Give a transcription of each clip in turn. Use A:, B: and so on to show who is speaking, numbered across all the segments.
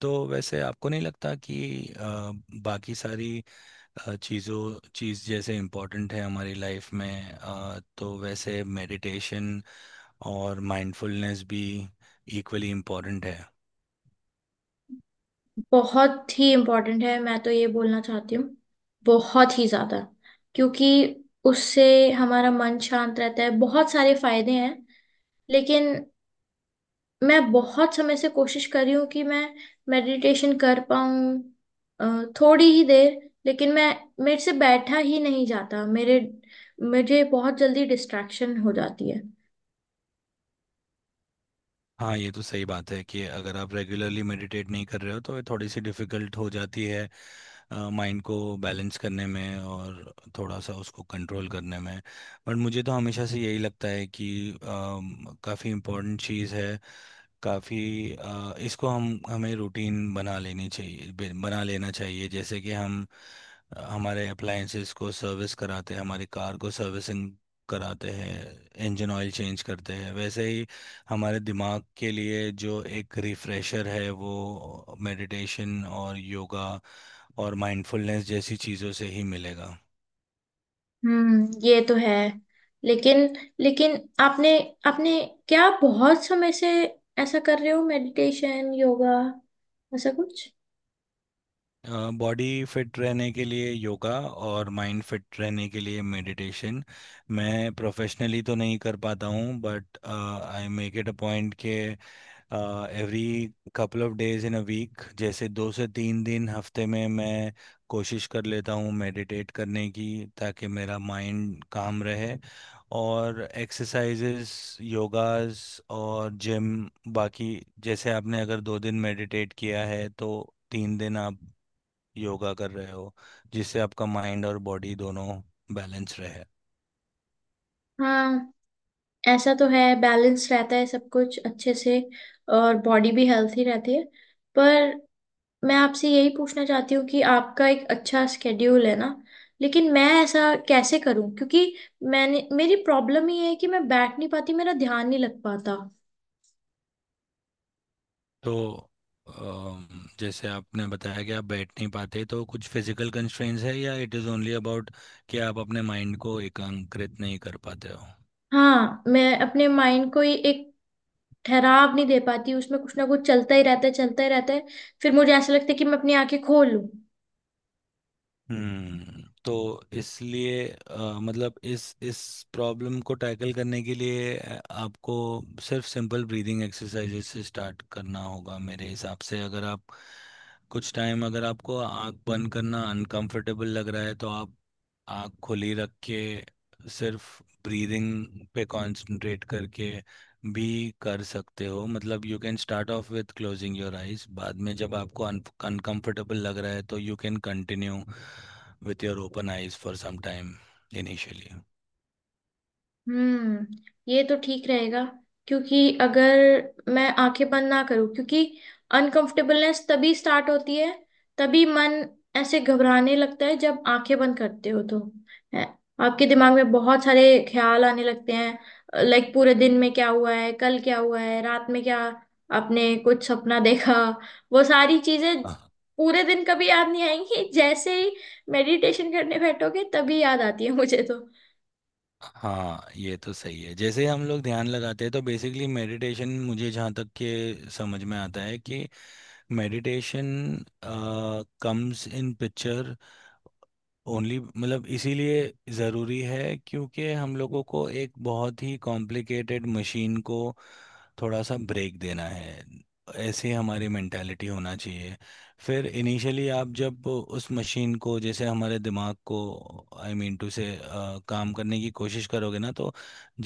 A: तो वैसे आपको नहीं लगता कि अ, बाकी सारी चीज़ जैसे इम्पोर्टेंट है हमारी लाइफ में, तो वैसे मेडिटेशन और माइंडफुलनेस भी इक्वली इम्पोर्टेंट है।
B: बहुत ही इम्पोर्टेंट है मैं तो ये बोलना चाहती हूँ बहुत ही ज्यादा क्योंकि उससे हमारा मन शांत रहता है बहुत सारे फायदे हैं। लेकिन मैं बहुत समय से कोशिश कर रही हूँ कि मैं मेडिटेशन कर पाऊँ थोड़ी ही देर। लेकिन मैं मेरे से बैठा ही नहीं जाता मेरे मुझे बहुत जल्दी डिस्ट्रैक्शन हो जाती है।
A: हाँ, ये तो सही बात है कि अगर आप रेगुलरली मेडिटेट नहीं कर रहे हो तो ये थोड़ी सी डिफिकल्ट हो जाती है माइंड को बैलेंस करने में, और थोड़ा सा उसको कंट्रोल करने में। बट मुझे तो हमेशा से यही लगता है कि काफ़ी इम्पोर्टेंट चीज़ है, काफ़ी। इसको हम हमें रूटीन बना लेनी चाहिए, बना लेना चाहिए, जैसे कि हम हमारे अप्लायंसेस को सर्विस कराते हैं, हमारी कार को सर्विसिंग कराते हैं, इंजन ऑयल चेंज करते हैं। वैसे ही हमारे दिमाग के लिए जो एक रिफ्रेशर है वो मेडिटेशन और योगा और माइंडफुलनेस जैसी चीज़ों से ही मिलेगा।
B: हम्म, ये तो है। लेकिन लेकिन आपने आपने क्या बहुत समय से ऐसा कर रहे हो मेडिटेशन योगा ऐसा कुछ।
A: बॉडी फिट रहने के लिए योगा, और माइंड फिट रहने के लिए मेडिटेशन। मैं प्रोफेशनली तो नहीं कर पाता हूँ, but I make it a point के every couple of days in a week, जैसे 2 से 3 दिन हफ्ते में, मैं कोशिश कर लेता हूँ मेडिटेट करने की, ताकि मेरा माइंड काम रहे। और एक्सरसाइजेस, योगास और जिम बाकी। जैसे आपने अगर 2 दिन मेडिटेट किया है तो 3 दिन आप योगा कर रहे हो, जिससे आपका माइंड और बॉडी दोनों बैलेंस रहे।
B: हाँ, ऐसा तो है, बैलेंस रहता है सब कुछ अच्छे से और बॉडी भी हेल्थी रहती है। पर मैं आपसे यही पूछना चाहती हूँ कि आपका एक अच्छा स्केड्यूल है ना। लेकिन मैं ऐसा कैसे करूँ क्योंकि मैंने मेरी प्रॉब्लम ये है कि मैं बैठ नहीं पाती मेरा ध्यान नहीं लग पाता।
A: तो जैसे आपने बताया कि आप बैठ नहीं पाते, तो कुछ फिजिकल कंस्ट्रेंट्स है या इट इज़ ओनली अबाउट कि आप अपने माइंड को एकांकृत नहीं कर पाते हो।
B: हाँ, मैं अपने माइंड को ही एक ठहराव नहीं दे पाती, उसमें कुछ ना कुछ चलता ही रहता है चलता ही रहता है। फिर मुझे ऐसा लगता है कि मैं अपनी आंखें खोल लूं।
A: हम्म, तो इसलिए मतलब इस प्रॉब्लम को टैकल करने के लिए आपको सिर्फ सिंपल ब्रीदिंग एक्सरसाइजेज से स्टार्ट करना होगा। मेरे हिसाब से, अगर आप कुछ टाइम, अगर आपको आँख बंद करना अनकंफर्टेबल लग रहा है तो आप आँख खुली रख के सिर्फ ब्रीदिंग पे कंसंट्रेट करके भी कर सकते हो। मतलब you can start off with closing your eyes, बाद में जब आपको अनकंफर्टेबल लग रहा है तो you can continue with your open eyes for some time initially.
B: Hmm, ये तो ठीक रहेगा। क्योंकि अगर मैं आंखें बंद ना करूं, क्योंकि अनकंफर्टेबलनेस तभी स्टार्ट होती है, तभी मन ऐसे घबराने लगता है जब आंखें बंद करते हो तो है, आपके दिमाग में बहुत सारे ख्याल आने लगते हैं, लाइक पूरे दिन में क्या हुआ है, कल क्या हुआ है, रात में क्या आपने कुछ सपना देखा, वो सारी चीजें
A: हाँ
B: पूरे दिन कभी याद नहीं आएंगी, जैसे ही मेडिटेशन करने बैठोगे तभी याद आती है मुझे तो।
A: हाँ, ये तो सही है। जैसे हम लोग ध्यान लगाते हैं तो बेसिकली मेडिटेशन, मुझे जहाँ तक के समझ में आता है कि meditation comes in picture only, मतलब इसीलिए ज़रूरी है, क्योंकि हम लोगों को एक बहुत ही कॉम्प्लिकेटेड मशीन को थोड़ा सा ब्रेक देना है, ऐसे हमारी मेंटालिटी होना चाहिए। फिर इनिशियली आप जब उस मशीन को, जैसे हमारे दिमाग को, आई मीन टू से, काम करने की कोशिश करोगे ना तो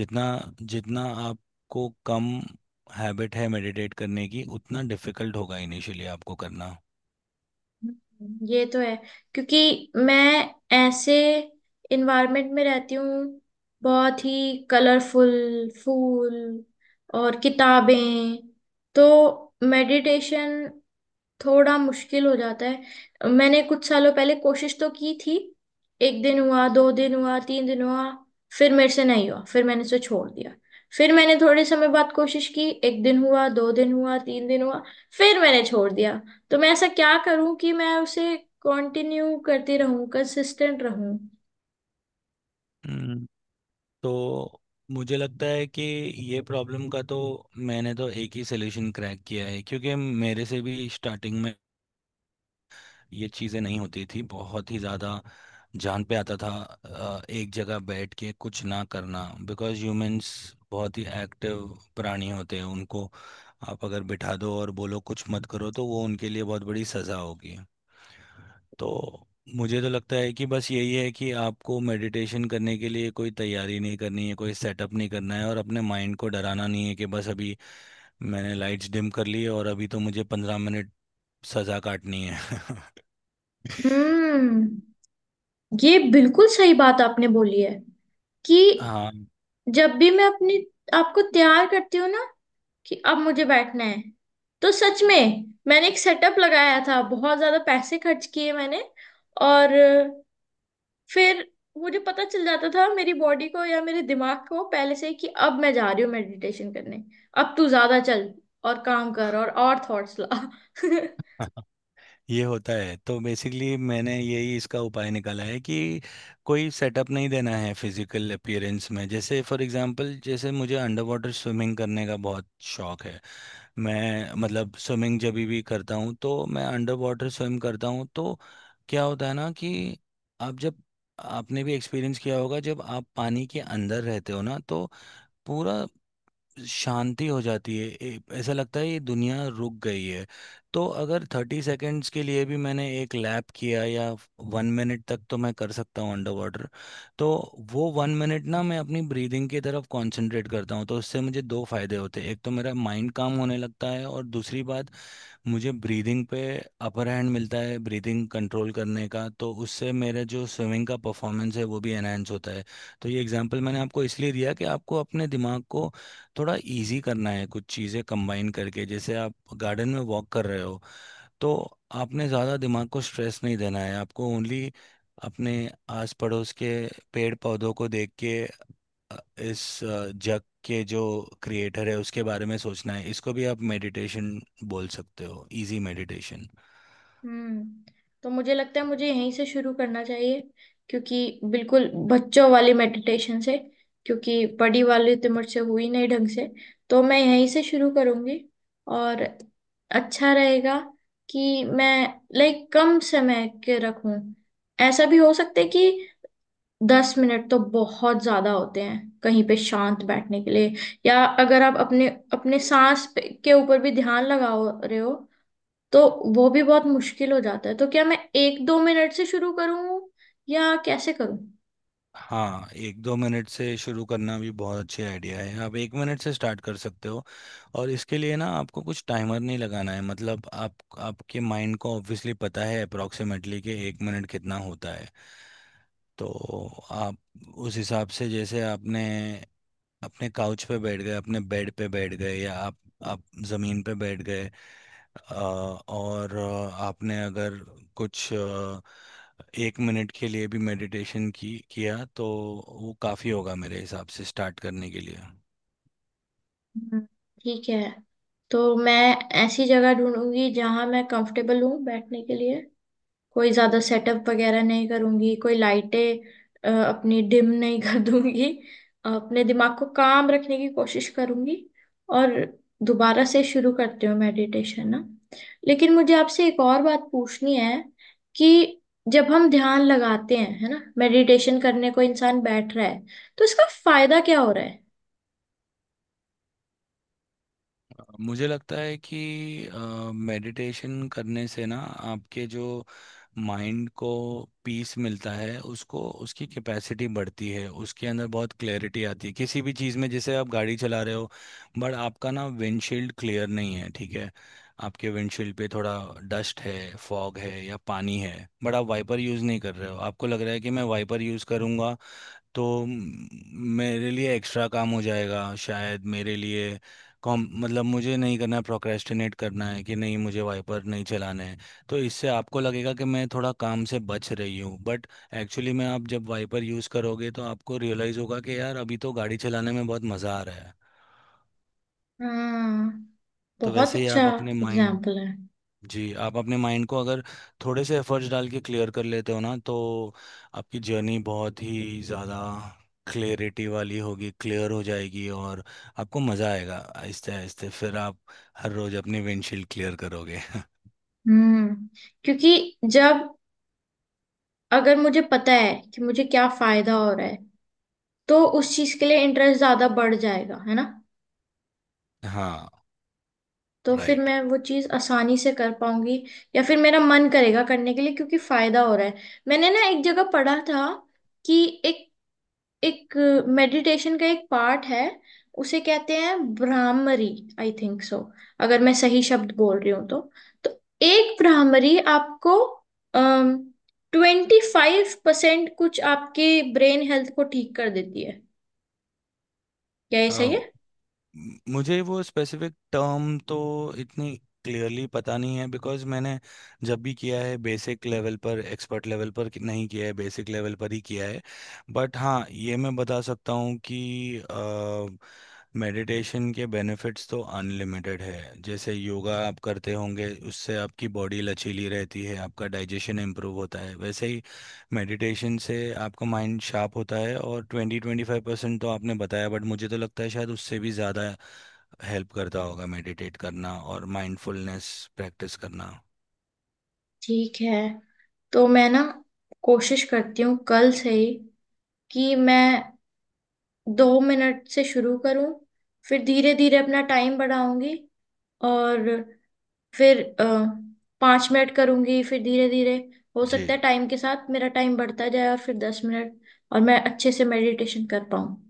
A: जितना जितना आपको कम हैबिट है मेडिटेट करने की, उतना डिफिकल्ट होगा इनिशियली आपको करना।
B: ये तो है। क्योंकि मैं ऐसे इन्वायरमेंट में रहती हूँ, बहुत ही कलरफुल फूल और किताबें, तो मेडिटेशन थोड़ा मुश्किल हो जाता है। मैंने कुछ सालों पहले कोशिश तो की थी, एक दिन हुआ 2 दिन हुआ 3 दिन हुआ, फिर मेरे से नहीं हुआ, फिर मैंने उसे छोड़ दिया। फिर मैंने थोड़े समय बाद कोशिश की, एक दिन हुआ 2 दिन हुआ 3 दिन हुआ, फिर मैंने छोड़ दिया। तो मैं ऐसा क्या करूं कि मैं उसे कंटिन्यू करती रहूं, कंसिस्टेंट रहूं।
A: हम्म, तो मुझे लगता है कि ये प्रॉब्लम का तो मैंने तो एक ही सलूशन क्रैक किया है, क्योंकि मेरे से भी स्टार्टिंग में ये चीज़ें नहीं होती थी बहुत ही ज़्यादा। जान पे आता था एक जगह बैठ के कुछ ना करना। बिकॉज़ ह्यूमंस बहुत ही एक्टिव प्राणी होते हैं, उनको आप अगर बिठा दो और बोलो कुछ मत करो तो वो उनके लिए बहुत बड़ी सज़ा होगी। तो मुझे तो लगता है कि बस यही है कि आपको मेडिटेशन करने के लिए कोई तैयारी नहीं करनी है, कोई सेटअप नहीं करना है, और अपने माइंड को डराना नहीं है कि बस अभी मैंने लाइट्स डिम कर ली है और अभी तो मुझे 15 मिनट सजा काटनी है।
B: हम्म, ये बिल्कुल सही बात आपने बोली है कि
A: हाँ,
B: जब भी मैं अपनी आपको तैयार करती हूँ ना कि अब मुझे बैठना है, तो सच में मैंने एक सेटअप लगाया था, बहुत ज्यादा पैसे खर्च किए मैंने। और फिर मुझे पता चल जाता था मेरी बॉडी को या मेरे दिमाग को पहले से ही कि अब मैं जा रही हूँ मेडिटेशन करने। अब तू ज्यादा चल और काम कर और थॉट्स ला
A: ये होता है। तो बेसिकली मैंने यही इसका उपाय निकाला है कि कोई सेटअप नहीं देना है फिजिकल अपीयरेंस में। जैसे फॉर एग्जांपल, जैसे मुझे अंडर वाटर स्विमिंग करने का बहुत शौक है। मैं मतलब स्विमिंग जब भी करता हूँ तो मैं अंडर वाटर स्विम करता हूँ, तो क्या होता है ना कि आप जब, आपने भी एक्सपीरियंस किया होगा जब आप पानी के अंदर रहते हो ना तो पूरा शांति हो जाती है, ऐसा लगता है ये दुनिया रुक गई है। तो अगर 30 सेकेंड्स के लिए भी मैंने एक लैप किया या 1 मिनट तक, तो मैं कर सकता हूँ अंडर वाटर। तो वो 1 मिनट ना, मैं अपनी ब्रीदिंग की तरफ कंसंट्रेट करता हूँ, तो उससे मुझे दो फायदे होते हैं। एक तो मेरा माइंड काम होने लगता है, और दूसरी बात, मुझे ब्रीदिंग पे अपर हैंड मिलता है ब्रीदिंग कंट्रोल करने का, तो उससे मेरा जो स्विमिंग का परफॉर्मेंस है वो भी एनहेंस होता है। तो ये एग्जांपल मैंने आपको इसलिए दिया कि आपको अपने दिमाग को थोड़ा इजी करना है, कुछ चीज़ें कंबाइन करके। जैसे आप गार्डन में वॉक कर रहे हो, तो आपने ज़्यादा दिमाग को स्ट्रेस नहीं देना है, आपको ओनली अपने आस पड़ोस के पेड़ पौधों को देख के इस जग के जो क्रिएटर है उसके बारे में सोचना है। इसको भी आप मेडिटेशन बोल सकते हो, इजी मेडिटेशन।
B: हम्म, तो मुझे लगता है मुझे यहीं से शुरू करना चाहिए, क्योंकि बिल्कुल बच्चों वाली मेडिटेशन से। क्योंकि बड़ी वाली तो मुझसे हुई नहीं ढंग से, तो मैं यहीं से शुरू करूंगी। और अच्छा रहेगा कि मैं लाइक कम समय के रखूं। ऐसा भी हो सकता है कि 10 मिनट तो बहुत ज्यादा होते हैं कहीं पे शांत बैठने के लिए, या अगर आप अपने अपने सांस के ऊपर भी ध्यान लगा रहे हो, तो वो भी बहुत मुश्किल हो जाता है। तो क्या मैं 1-2 मिनट से शुरू करूं या कैसे करूं।
A: हाँ, 1-2 मिनट से शुरू करना भी बहुत अच्छे आइडिया है। आप 1 मिनट से स्टार्ट कर सकते हो, और इसके लिए ना आपको कुछ टाइमर नहीं लगाना है। मतलब आप, आपके माइंड को ऑब्वियसली पता है अप्रोक्सीमेटली कि 1 मिनट कितना होता है। तो आप उस हिसाब से, जैसे आपने अपने काउच पे बैठ गए, अपने बेड पे बैठ गए, या आप जमीन पे बैठ गए, और आपने अगर कुछ 1 मिनट के लिए भी मेडिटेशन की किया तो वो काफ़ी होगा मेरे हिसाब से स्टार्ट करने के लिए।
B: हम्म, ठीक है, तो मैं ऐसी जगह ढूंढूंगी जहां मैं कंफर्टेबल हूं बैठने के लिए। कोई ज्यादा सेटअप वगैरह नहीं करूंगी, कोई लाइटें अपनी डिम नहीं कर दूंगी। अपने दिमाग को काम रखने की कोशिश करूंगी और दोबारा से शुरू करती हूँ मेडिटेशन ना। लेकिन मुझे आपसे एक और बात पूछनी है कि जब हम ध्यान लगाते हैं है ना, मेडिटेशन करने को इंसान बैठ रहा है, तो इसका फायदा क्या हो रहा है।
A: मुझे लगता है कि मेडिटेशन करने से ना आपके जो माइंड को पीस मिलता है, उसको, उसकी कैपेसिटी बढ़ती है, उसके अंदर बहुत क्लैरिटी आती है किसी भी चीज़ में। जैसे आप गाड़ी चला रहे हो बट आपका ना विंडशील्ड क्लियर नहीं है, ठीक है? आपके विंडशील्ड पे थोड़ा डस्ट है, फॉग है, या पानी है, बट आप वाइपर यूज़ नहीं कर रहे हो। आपको लग रहा है कि मैं वाइपर यूज़ करूँगा तो मेरे लिए एक्स्ट्रा काम हो जाएगा, शायद मेरे लिए कॉम मतलब मुझे नहीं करना है, प्रोक्रेस्टिनेट करना है कि नहीं मुझे वाइपर नहीं चलाना है। तो इससे आपको लगेगा कि मैं थोड़ा काम से बच रही हूँ, बट एक्चुअली में आप जब वाइपर यूज़ करोगे तो आपको रियलाइज़ होगा कि यार अभी तो गाड़ी चलाने में बहुत मज़ा आ रहा है।
B: हाँ,
A: तो
B: बहुत
A: वैसे ही
B: अच्छा
A: आप अपने माइंड,
B: एग्जाम्पल है।
A: जी, आप अपने माइंड को अगर थोड़े से एफर्ट्स डाल के क्लियर कर लेते हो ना तो आपकी जर्नी बहुत ही ज़्यादा क्लियरिटी वाली होगी, क्लियर हो जाएगी, और आपको मज़ा आएगा आहिस्ते आहिस्ते। फिर आप हर रोज़ अपनी विंडशील्ड क्लियर करोगे।
B: हम्म, क्योंकि जब, अगर मुझे पता है कि मुझे क्या फायदा हो रहा है, तो उस चीज के लिए इंटरेस्ट ज्यादा बढ़ जाएगा है ना।
A: हाँ,
B: तो फिर
A: राइट।
B: मैं वो चीज आसानी से कर पाऊंगी, या फिर मेरा मन करेगा करने के लिए क्योंकि फायदा हो रहा है। मैंने ना एक जगह पढ़ा था कि एक एक मेडिटेशन का एक पार्ट है, उसे कहते हैं ब्राह्मरी, आई थिंक सो, अगर मैं सही शब्द बोल रही हूँ तो। तो एक ब्राह्मरी आपको 25% कुछ आपके ब्रेन हेल्थ को ठीक कर देती है। क्या ये सही है।
A: मुझे वो स्पेसिफिक टर्म तो इतनी क्लियरली पता नहीं है, बिकॉज मैंने जब भी किया है बेसिक लेवल पर, एक्सपर्ट लेवल पर नहीं किया है, बेसिक लेवल पर ही किया है। बट हाँ, ये मैं बता सकता हूँ कि मेडिटेशन के बेनिफिट्स तो अनलिमिटेड है। जैसे योगा आप करते होंगे उससे आपकी बॉडी लचीली रहती है, आपका डाइजेशन इम्प्रूव होता है, वैसे ही मेडिटेशन से आपका माइंड शार्प होता है। और 20-25% तो आपने बताया, बट मुझे तो लगता है शायद उससे भी ज़्यादा हेल्प करता होगा मेडिटेट करना और माइंडफुलनेस प्रैक्टिस करना।
B: ठीक है, तो मैं ना कोशिश करती हूँ कल से ही कि मैं 2 मिनट से शुरू करूँ, फिर धीरे धीरे अपना टाइम बढ़ाऊंगी। और फिर 5 मिनट करूंगी, फिर धीरे धीरे, हो सकता
A: जी।
B: है टाइम के साथ मेरा टाइम बढ़ता जाए और फिर 10 मिनट और मैं अच्छे से मेडिटेशन कर पाऊँ।